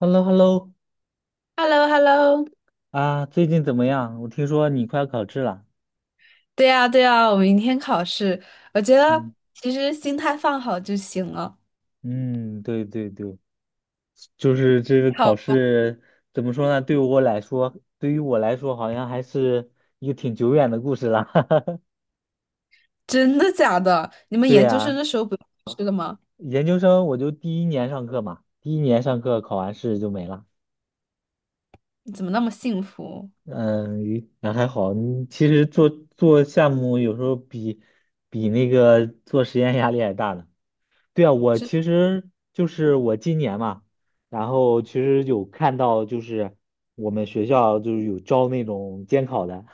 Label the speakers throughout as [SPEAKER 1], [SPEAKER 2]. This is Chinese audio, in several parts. [SPEAKER 1] h e l l o h e l l o
[SPEAKER 2] h e l l o h e l l o。
[SPEAKER 1] 啊，最近怎么样？我听说你快要考试了。
[SPEAKER 2] 对呀，对呀，我明天考试，我觉得
[SPEAKER 1] 嗯
[SPEAKER 2] 其实心态放好就行了。
[SPEAKER 1] 嗯，对对对，就是这个考
[SPEAKER 2] 好，
[SPEAKER 1] 试怎么说呢？对我来说，对于我来说，好像还是一个挺久远的故事了。
[SPEAKER 2] 真的假的？你们
[SPEAKER 1] 对
[SPEAKER 2] 研究生
[SPEAKER 1] 呀，
[SPEAKER 2] 的时候不用考试的吗？
[SPEAKER 1] 研究生我就第一年上课嘛，第一年上课考完试就没了。
[SPEAKER 2] 你怎么那么幸福？
[SPEAKER 1] 嗯，那还好。你其实做项目有时候比那个做实验压力还大呢。对啊，我
[SPEAKER 2] 是，
[SPEAKER 1] 其实就是我今年嘛，然后其实有看到就是我们学校就是有招那种监考的，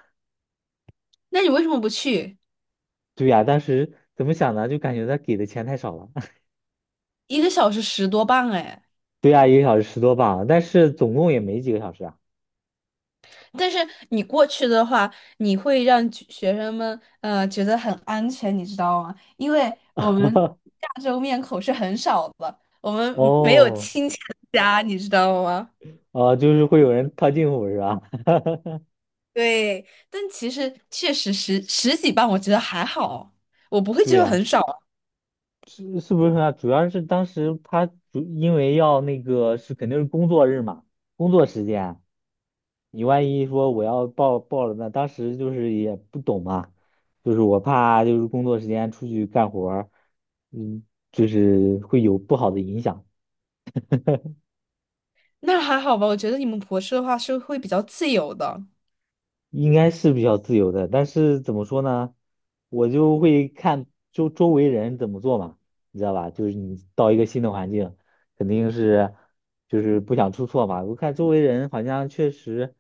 [SPEAKER 2] 那你为什么不去？
[SPEAKER 1] 对呀，当时怎么想呢？就感觉他给的钱太少了，
[SPEAKER 2] 一个小时10多磅哎！
[SPEAKER 1] 对呀，一个小时10多磅，但是总共也没几个小时啊。
[SPEAKER 2] 但是你过去的话，你会让学生们觉得很安全，你知道吗？因为我们 亚洲面孔是很少的，我们没有
[SPEAKER 1] 哦，
[SPEAKER 2] 亲戚的家，你知道吗？
[SPEAKER 1] 就是会有人套近乎是吧？
[SPEAKER 2] 对，但其实确实十几磅，我觉得还好，我不会觉
[SPEAKER 1] 对
[SPEAKER 2] 得
[SPEAKER 1] 呀，
[SPEAKER 2] 很少啊，
[SPEAKER 1] 是是不是啊？主要是当时他主因为要那个是肯定是工作日嘛，工作时间。你万一说我要报了那当时就是也不懂嘛，就是我怕就是工作时间出去干活儿，嗯，就是会有不好的影响。
[SPEAKER 2] 那还好吧。我觉得你们博士的话是会比较自由的，
[SPEAKER 1] 应该是比较自由的，但是怎么说呢，我就会看周围人怎么做嘛，你知道吧？就是你到一个新的环境，肯定是就是不想出错嘛。我看周围人好像确实，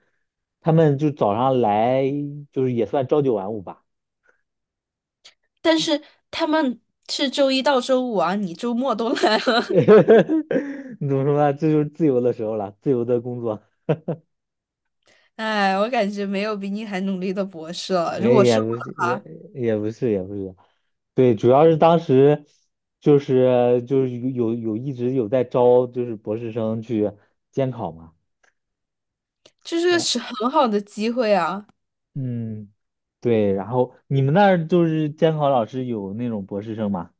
[SPEAKER 1] 他们就早上来就是也算朝九晚五吧。
[SPEAKER 2] 但是他们是周一到周五啊，你周末都 来了，
[SPEAKER 1] 你怎么说呢？这就是自由的时候了，自由的工作。
[SPEAKER 2] 哎，我感觉没有比你还努力的博士了。
[SPEAKER 1] 哎，
[SPEAKER 2] 如果是
[SPEAKER 1] 也
[SPEAKER 2] 我，
[SPEAKER 1] 不是，也不是，也不是。对，主要是当时就是有有有一直有在招，就是博士生去监考嘛。
[SPEAKER 2] 这是个
[SPEAKER 1] 然
[SPEAKER 2] 是很好的机会啊，
[SPEAKER 1] 嗯，对，然后你们那儿就是监考老师有那种博士生吗？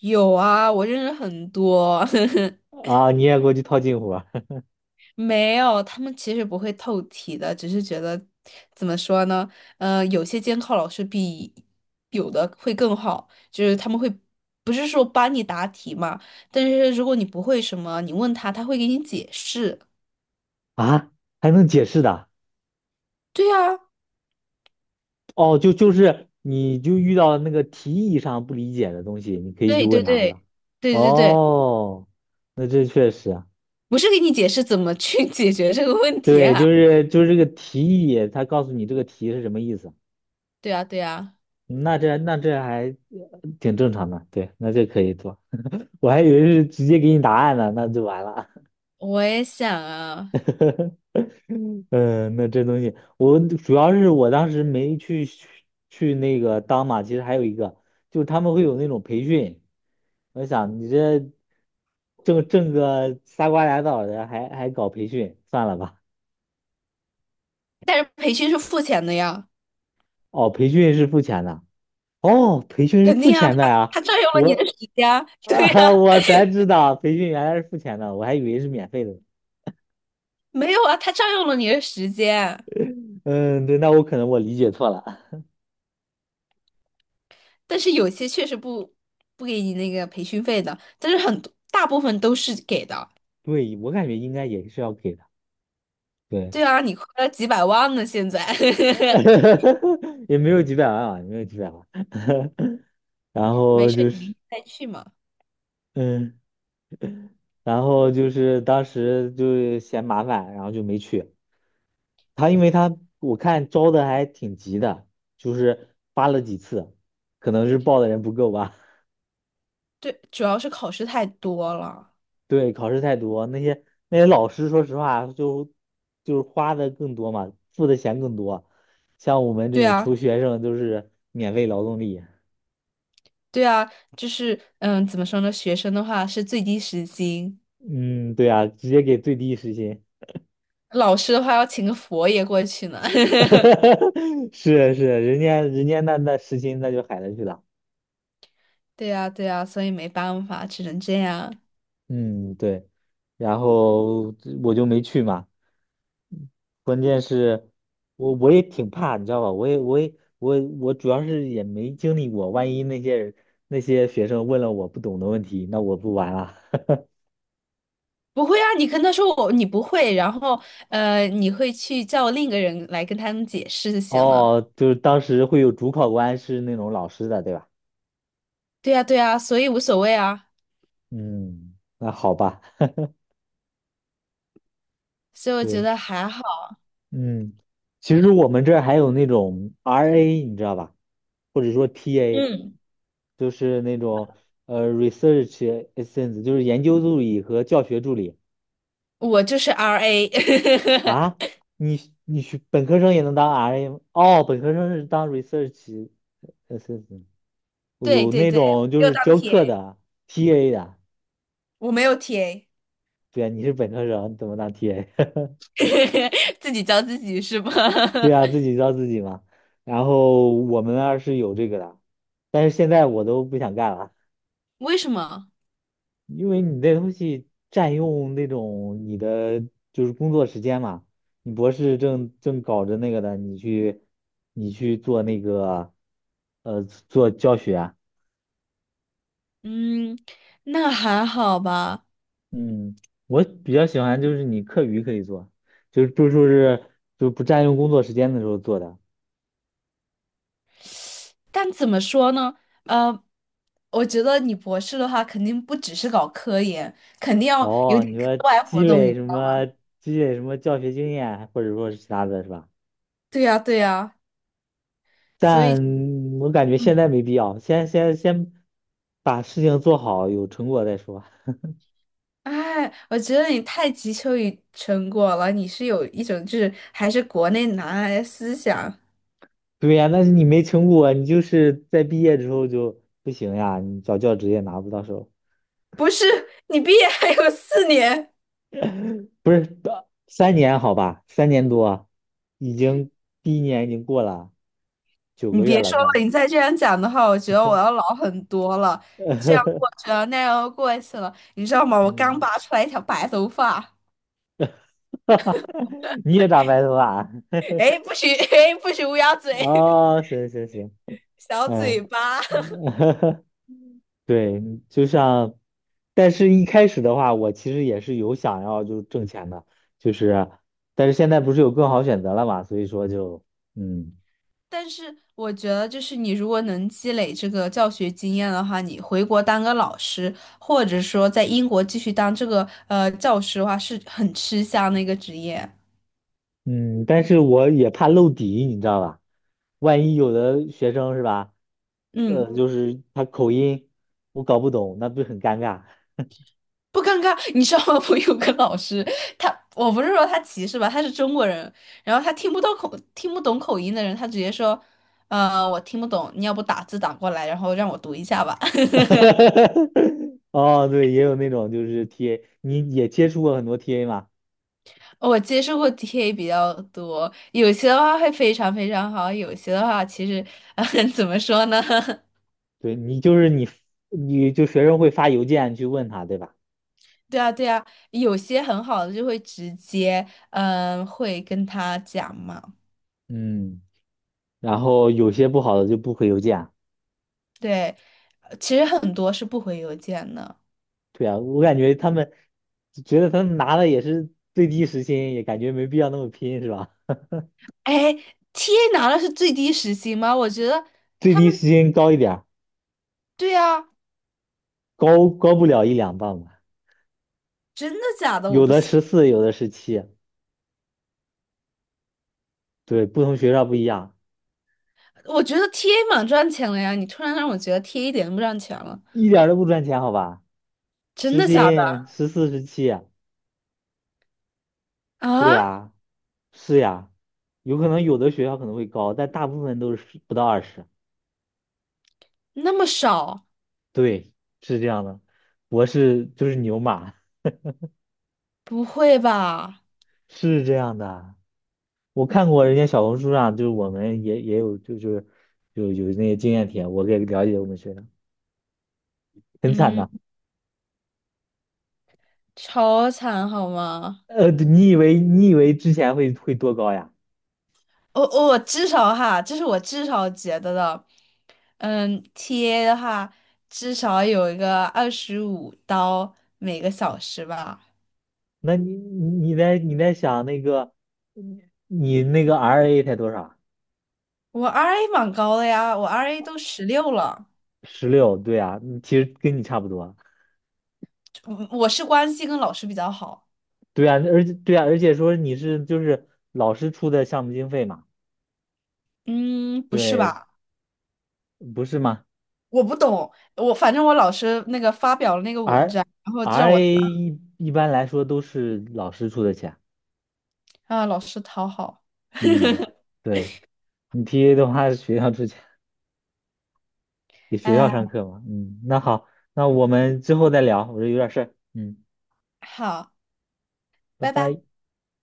[SPEAKER 2] 有啊，我认识很多。
[SPEAKER 1] 啊，你也过去套近乎
[SPEAKER 2] 没有，他们其实不会透题的，只是觉得怎么说呢？呃，有些监考老师比有的会更好，就是他们会不是说帮你答题嘛，但是如果你不会什么，你问他，他会给你解释。
[SPEAKER 1] 啊，啊还能解释的？
[SPEAKER 2] 对啊，
[SPEAKER 1] 哦，就是你就遇到了那个题意上不理解的东西，你可以去
[SPEAKER 2] 对对
[SPEAKER 1] 问他，是
[SPEAKER 2] 对
[SPEAKER 1] 吧？
[SPEAKER 2] 对对对，
[SPEAKER 1] 哦，那这确实啊，
[SPEAKER 2] 不是给你解释怎么去 解决这个问题
[SPEAKER 1] 对，
[SPEAKER 2] 啊？
[SPEAKER 1] 就是这个题意，他告诉你这个题是什么意思，
[SPEAKER 2] 对啊对啊，
[SPEAKER 1] 那这还挺正常的，对，那这可以做。我还以为是直接给你答案呢，那就完了。
[SPEAKER 2] 我也想啊，
[SPEAKER 1] 嗯，那这东西，我主要是我当时没去那个当嘛，其实还有一个，就是他们会有那种培训，我想你这挣个仨瓜俩枣的，还搞培训，算了吧。
[SPEAKER 2] 但是培训是付钱的呀，
[SPEAKER 1] 哦，培训是付钱的，哦，培训是
[SPEAKER 2] 肯
[SPEAKER 1] 付
[SPEAKER 2] 定啊，
[SPEAKER 1] 钱
[SPEAKER 2] 他
[SPEAKER 1] 的呀，
[SPEAKER 2] 他占用了你的
[SPEAKER 1] 我
[SPEAKER 2] 时间啊 对呀。
[SPEAKER 1] 啊，我才知道培训原来是付钱的，我还以为是免费的。
[SPEAKER 2] 没有啊，他占用了你的时间，
[SPEAKER 1] 嗯，对，那我可能我理解错了，
[SPEAKER 2] 但是有些确实不给你那个培训费的，但是很多大部分都是给的。
[SPEAKER 1] 对，我感觉应该也是要给的，对。
[SPEAKER 2] 对啊，你亏了几百万呢，现在。
[SPEAKER 1] 也没有几百万啊，也没有几百万。然
[SPEAKER 2] 没
[SPEAKER 1] 后
[SPEAKER 2] 事，
[SPEAKER 1] 就
[SPEAKER 2] 你明
[SPEAKER 1] 是，
[SPEAKER 2] 天再去嘛。
[SPEAKER 1] 嗯，然后就是当时就嫌麻烦，然后就没去。他因为他我看招的还挺急的，就是发了几次，可能是报的人不够吧。
[SPEAKER 2] 对，主要是考试太多了。
[SPEAKER 1] 对，考试太多，那些老师说实话就是花的更多嘛，付的钱更多。像我们这
[SPEAKER 2] 对
[SPEAKER 1] 种
[SPEAKER 2] 啊，
[SPEAKER 1] 穷学生都是免费劳动力。
[SPEAKER 2] 对啊，就是嗯，怎么说呢？学生的话是最低时薪，
[SPEAKER 1] 嗯，对啊，直接给最低时薪。
[SPEAKER 2] 老师的话要请个佛爷过去呢。
[SPEAKER 1] 是是，人家那实心那就海了去了，
[SPEAKER 2] 对啊，对啊，所以没办法，只能这样。
[SPEAKER 1] 嗯对，然后我就没去嘛，是，我也挺怕，你知道吧？我主要是也没经历过，万一那些学生问了我不懂的问题，那我不玩了。
[SPEAKER 2] 不会啊，你跟他说我你不会，然后你会去叫另一个人来跟他们解释就行了。
[SPEAKER 1] 哦，就是当时会有主考官是那种老师的，对吧？
[SPEAKER 2] 对呀，对呀，所以无所谓啊，
[SPEAKER 1] 嗯，那好吧，
[SPEAKER 2] 所以我觉
[SPEAKER 1] 对，
[SPEAKER 2] 得还好。
[SPEAKER 1] 嗯，其实我们这儿还有那种 RA，你知道吧？或者说 TA。
[SPEAKER 2] 嗯，
[SPEAKER 1] 就是那种research assistant，就是研究助理和教学助理
[SPEAKER 2] 我就是 RA，
[SPEAKER 1] 啊。你学本科生也能当 RM 哦，本科生是当 research assistant，
[SPEAKER 2] 对
[SPEAKER 1] 有
[SPEAKER 2] 对
[SPEAKER 1] 那
[SPEAKER 2] 对，
[SPEAKER 1] 种就
[SPEAKER 2] 没有
[SPEAKER 1] 是
[SPEAKER 2] 当
[SPEAKER 1] 教课
[SPEAKER 2] TA，
[SPEAKER 1] 的 TA 的。
[SPEAKER 2] 我没有 TA，
[SPEAKER 1] 对啊，你是本科生，你怎么当 TA？
[SPEAKER 2] 自己教自己是吧？
[SPEAKER 1] 对啊，自 己教自己嘛。然后我们那儿是有这个的，但是现在我都不想干了。
[SPEAKER 2] 为什么？
[SPEAKER 1] 因为你那东西占用那种你的就是工作时间嘛，你博士正搞着那个的，你去做那个做教学啊，
[SPEAKER 2] 嗯，那还好吧，
[SPEAKER 1] 嗯，我比较喜欢就是你课余可以做，就是就说是就不占用工作时间的时候做的。
[SPEAKER 2] 但怎么说呢？呃，我觉得你博士的话，肯定不只是搞科研，肯定要有
[SPEAKER 1] 哦，
[SPEAKER 2] 点
[SPEAKER 1] 你说
[SPEAKER 2] 课外活
[SPEAKER 1] 积
[SPEAKER 2] 动。
[SPEAKER 1] 累什么积累什么教学经验啊，或者说是其他的是吧？
[SPEAKER 2] 对呀，对呀，所以，
[SPEAKER 1] 但我感觉现
[SPEAKER 2] 嗯，
[SPEAKER 1] 在没必要，先把事情做好，有成果再说。
[SPEAKER 2] 哎，我觉得你太急求于成果了，你是有一种就是还是国内男孩的思想，
[SPEAKER 1] 对呀，但是你没成果，你就是在毕业之后就不行呀，你找教职也拿不到手，
[SPEAKER 2] 不是？你毕业还有4年，
[SPEAKER 1] 不是，三年好吧，3年多，已经第一年已经过了九
[SPEAKER 2] 你
[SPEAKER 1] 个月
[SPEAKER 2] 别
[SPEAKER 1] 了，
[SPEAKER 2] 说
[SPEAKER 1] 快，
[SPEAKER 2] 了，你再这样讲的话，我觉得我要老很多了。这样过 去了，那样又过去了，你知道吗？我刚
[SPEAKER 1] 嗯，
[SPEAKER 2] 拔出来一条白头发，
[SPEAKER 1] 你也长白头发啊
[SPEAKER 2] 哎，不许，哎，不许乌鸦 嘴，
[SPEAKER 1] 哦，行行行，
[SPEAKER 2] 小嘴
[SPEAKER 1] 嗯，
[SPEAKER 2] 巴。
[SPEAKER 1] 对，就像，但是一开始的话，我其实也是有想要就挣钱的，就是，但是现在不是有更好选择了嘛，所以说就，嗯
[SPEAKER 2] 但是我觉得，就是你如果能积累这个教学经验的话，你回国当个老师，或者说在英国继续当这个教师的话，是很吃香的一个职业。
[SPEAKER 1] 嗯，但是我也怕露底，你知道吧？万一有的学生是吧，
[SPEAKER 2] 嗯，
[SPEAKER 1] 就是他口音我搞不懂，那不是很尴尬？
[SPEAKER 2] 不尴尬。你知道吗？我有个老师，他我不是说他歧视吧，他是中国人，然后他听不懂口音的人，他直接说，我听不懂，你要不打字打过来，然后让我读一下吧。
[SPEAKER 1] 哦，对，也有那种就是 TA，你也接触过很多 TA 嘛？
[SPEAKER 2] 我接触过 TA 比较多，有些的话会非常非常好，有些的话其实，嗯，怎么说呢？
[SPEAKER 1] 对，你就是你，你就学生会发邮件去问他，对吧？
[SPEAKER 2] 对啊，对啊，有些很好的就会直接，嗯，会跟他讲嘛。
[SPEAKER 1] 嗯。然后有些不好的就不回邮件啊
[SPEAKER 2] 对，其实很多是不回邮件的。
[SPEAKER 1] 对啊，我感觉他们觉得他们拿的也是最低时薪，也感觉没必要那么拼，是吧？
[SPEAKER 2] 哎，TA 拿的是最低时薪吗？我觉得
[SPEAKER 1] 最
[SPEAKER 2] 他
[SPEAKER 1] 低
[SPEAKER 2] 们，
[SPEAKER 1] 时薪高一点儿，
[SPEAKER 2] 对啊，
[SPEAKER 1] 高不了一两磅吧，
[SPEAKER 2] 真的假的？我
[SPEAKER 1] 有
[SPEAKER 2] 不
[SPEAKER 1] 的
[SPEAKER 2] 信。
[SPEAKER 1] 十四，有的十七，对，不同学校不一样，
[SPEAKER 2] 我觉得 TA 蛮赚钱的呀，你突然让我觉得 TA 一点都不赚钱了，
[SPEAKER 1] 一点儿都不赚钱，好吧？
[SPEAKER 2] 真
[SPEAKER 1] 时
[SPEAKER 2] 的假的
[SPEAKER 1] 薪十四、十七啊，对
[SPEAKER 2] 啊？
[SPEAKER 1] 呀，是呀，有可能有的学校可能会高，但大部分都是不到20，
[SPEAKER 2] 那么少？
[SPEAKER 1] 对，是这样的，博士就是牛马，
[SPEAKER 2] 不会吧？
[SPEAKER 1] 是这样的。我看过人家小红书上，就是我们也有，就是有那些经验帖，我给了解我们学生，很惨
[SPEAKER 2] 嗯，
[SPEAKER 1] 的。
[SPEAKER 2] 超惨好吗？
[SPEAKER 1] 你以为之前会多高呀？
[SPEAKER 2] 我、我至少哈，这是我至少觉得的。嗯，TA 的话至少有一个25刀每个小时吧。
[SPEAKER 1] 那你在想那个你你那个 RA 才多少？
[SPEAKER 2] 我 RA 蛮高的呀，我 RA 都16了。
[SPEAKER 1] 16，对呀，嗯其实跟你差不多。
[SPEAKER 2] 我是关系跟老师比较好，
[SPEAKER 1] 对呀，而且对啊，而且说你是就是老师出的项目经费嘛，
[SPEAKER 2] 嗯，不是
[SPEAKER 1] 对，
[SPEAKER 2] 吧？
[SPEAKER 1] 不是吗
[SPEAKER 2] 我不懂，我反正我老师那个发表了那个
[SPEAKER 1] ？R
[SPEAKER 2] 文章，然后就让我
[SPEAKER 1] RA 一般来说都是老师出的钱，
[SPEAKER 2] 啊老师讨好，
[SPEAKER 1] 嗯。对。你 TA 的话，学校出去给学校
[SPEAKER 2] 哎，
[SPEAKER 1] 上课嘛？嗯，那好，那我们之后再聊，我这有点事儿。嗯，
[SPEAKER 2] 好，
[SPEAKER 1] 拜
[SPEAKER 2] 拜拜。
[SPEAKER 1] 拜。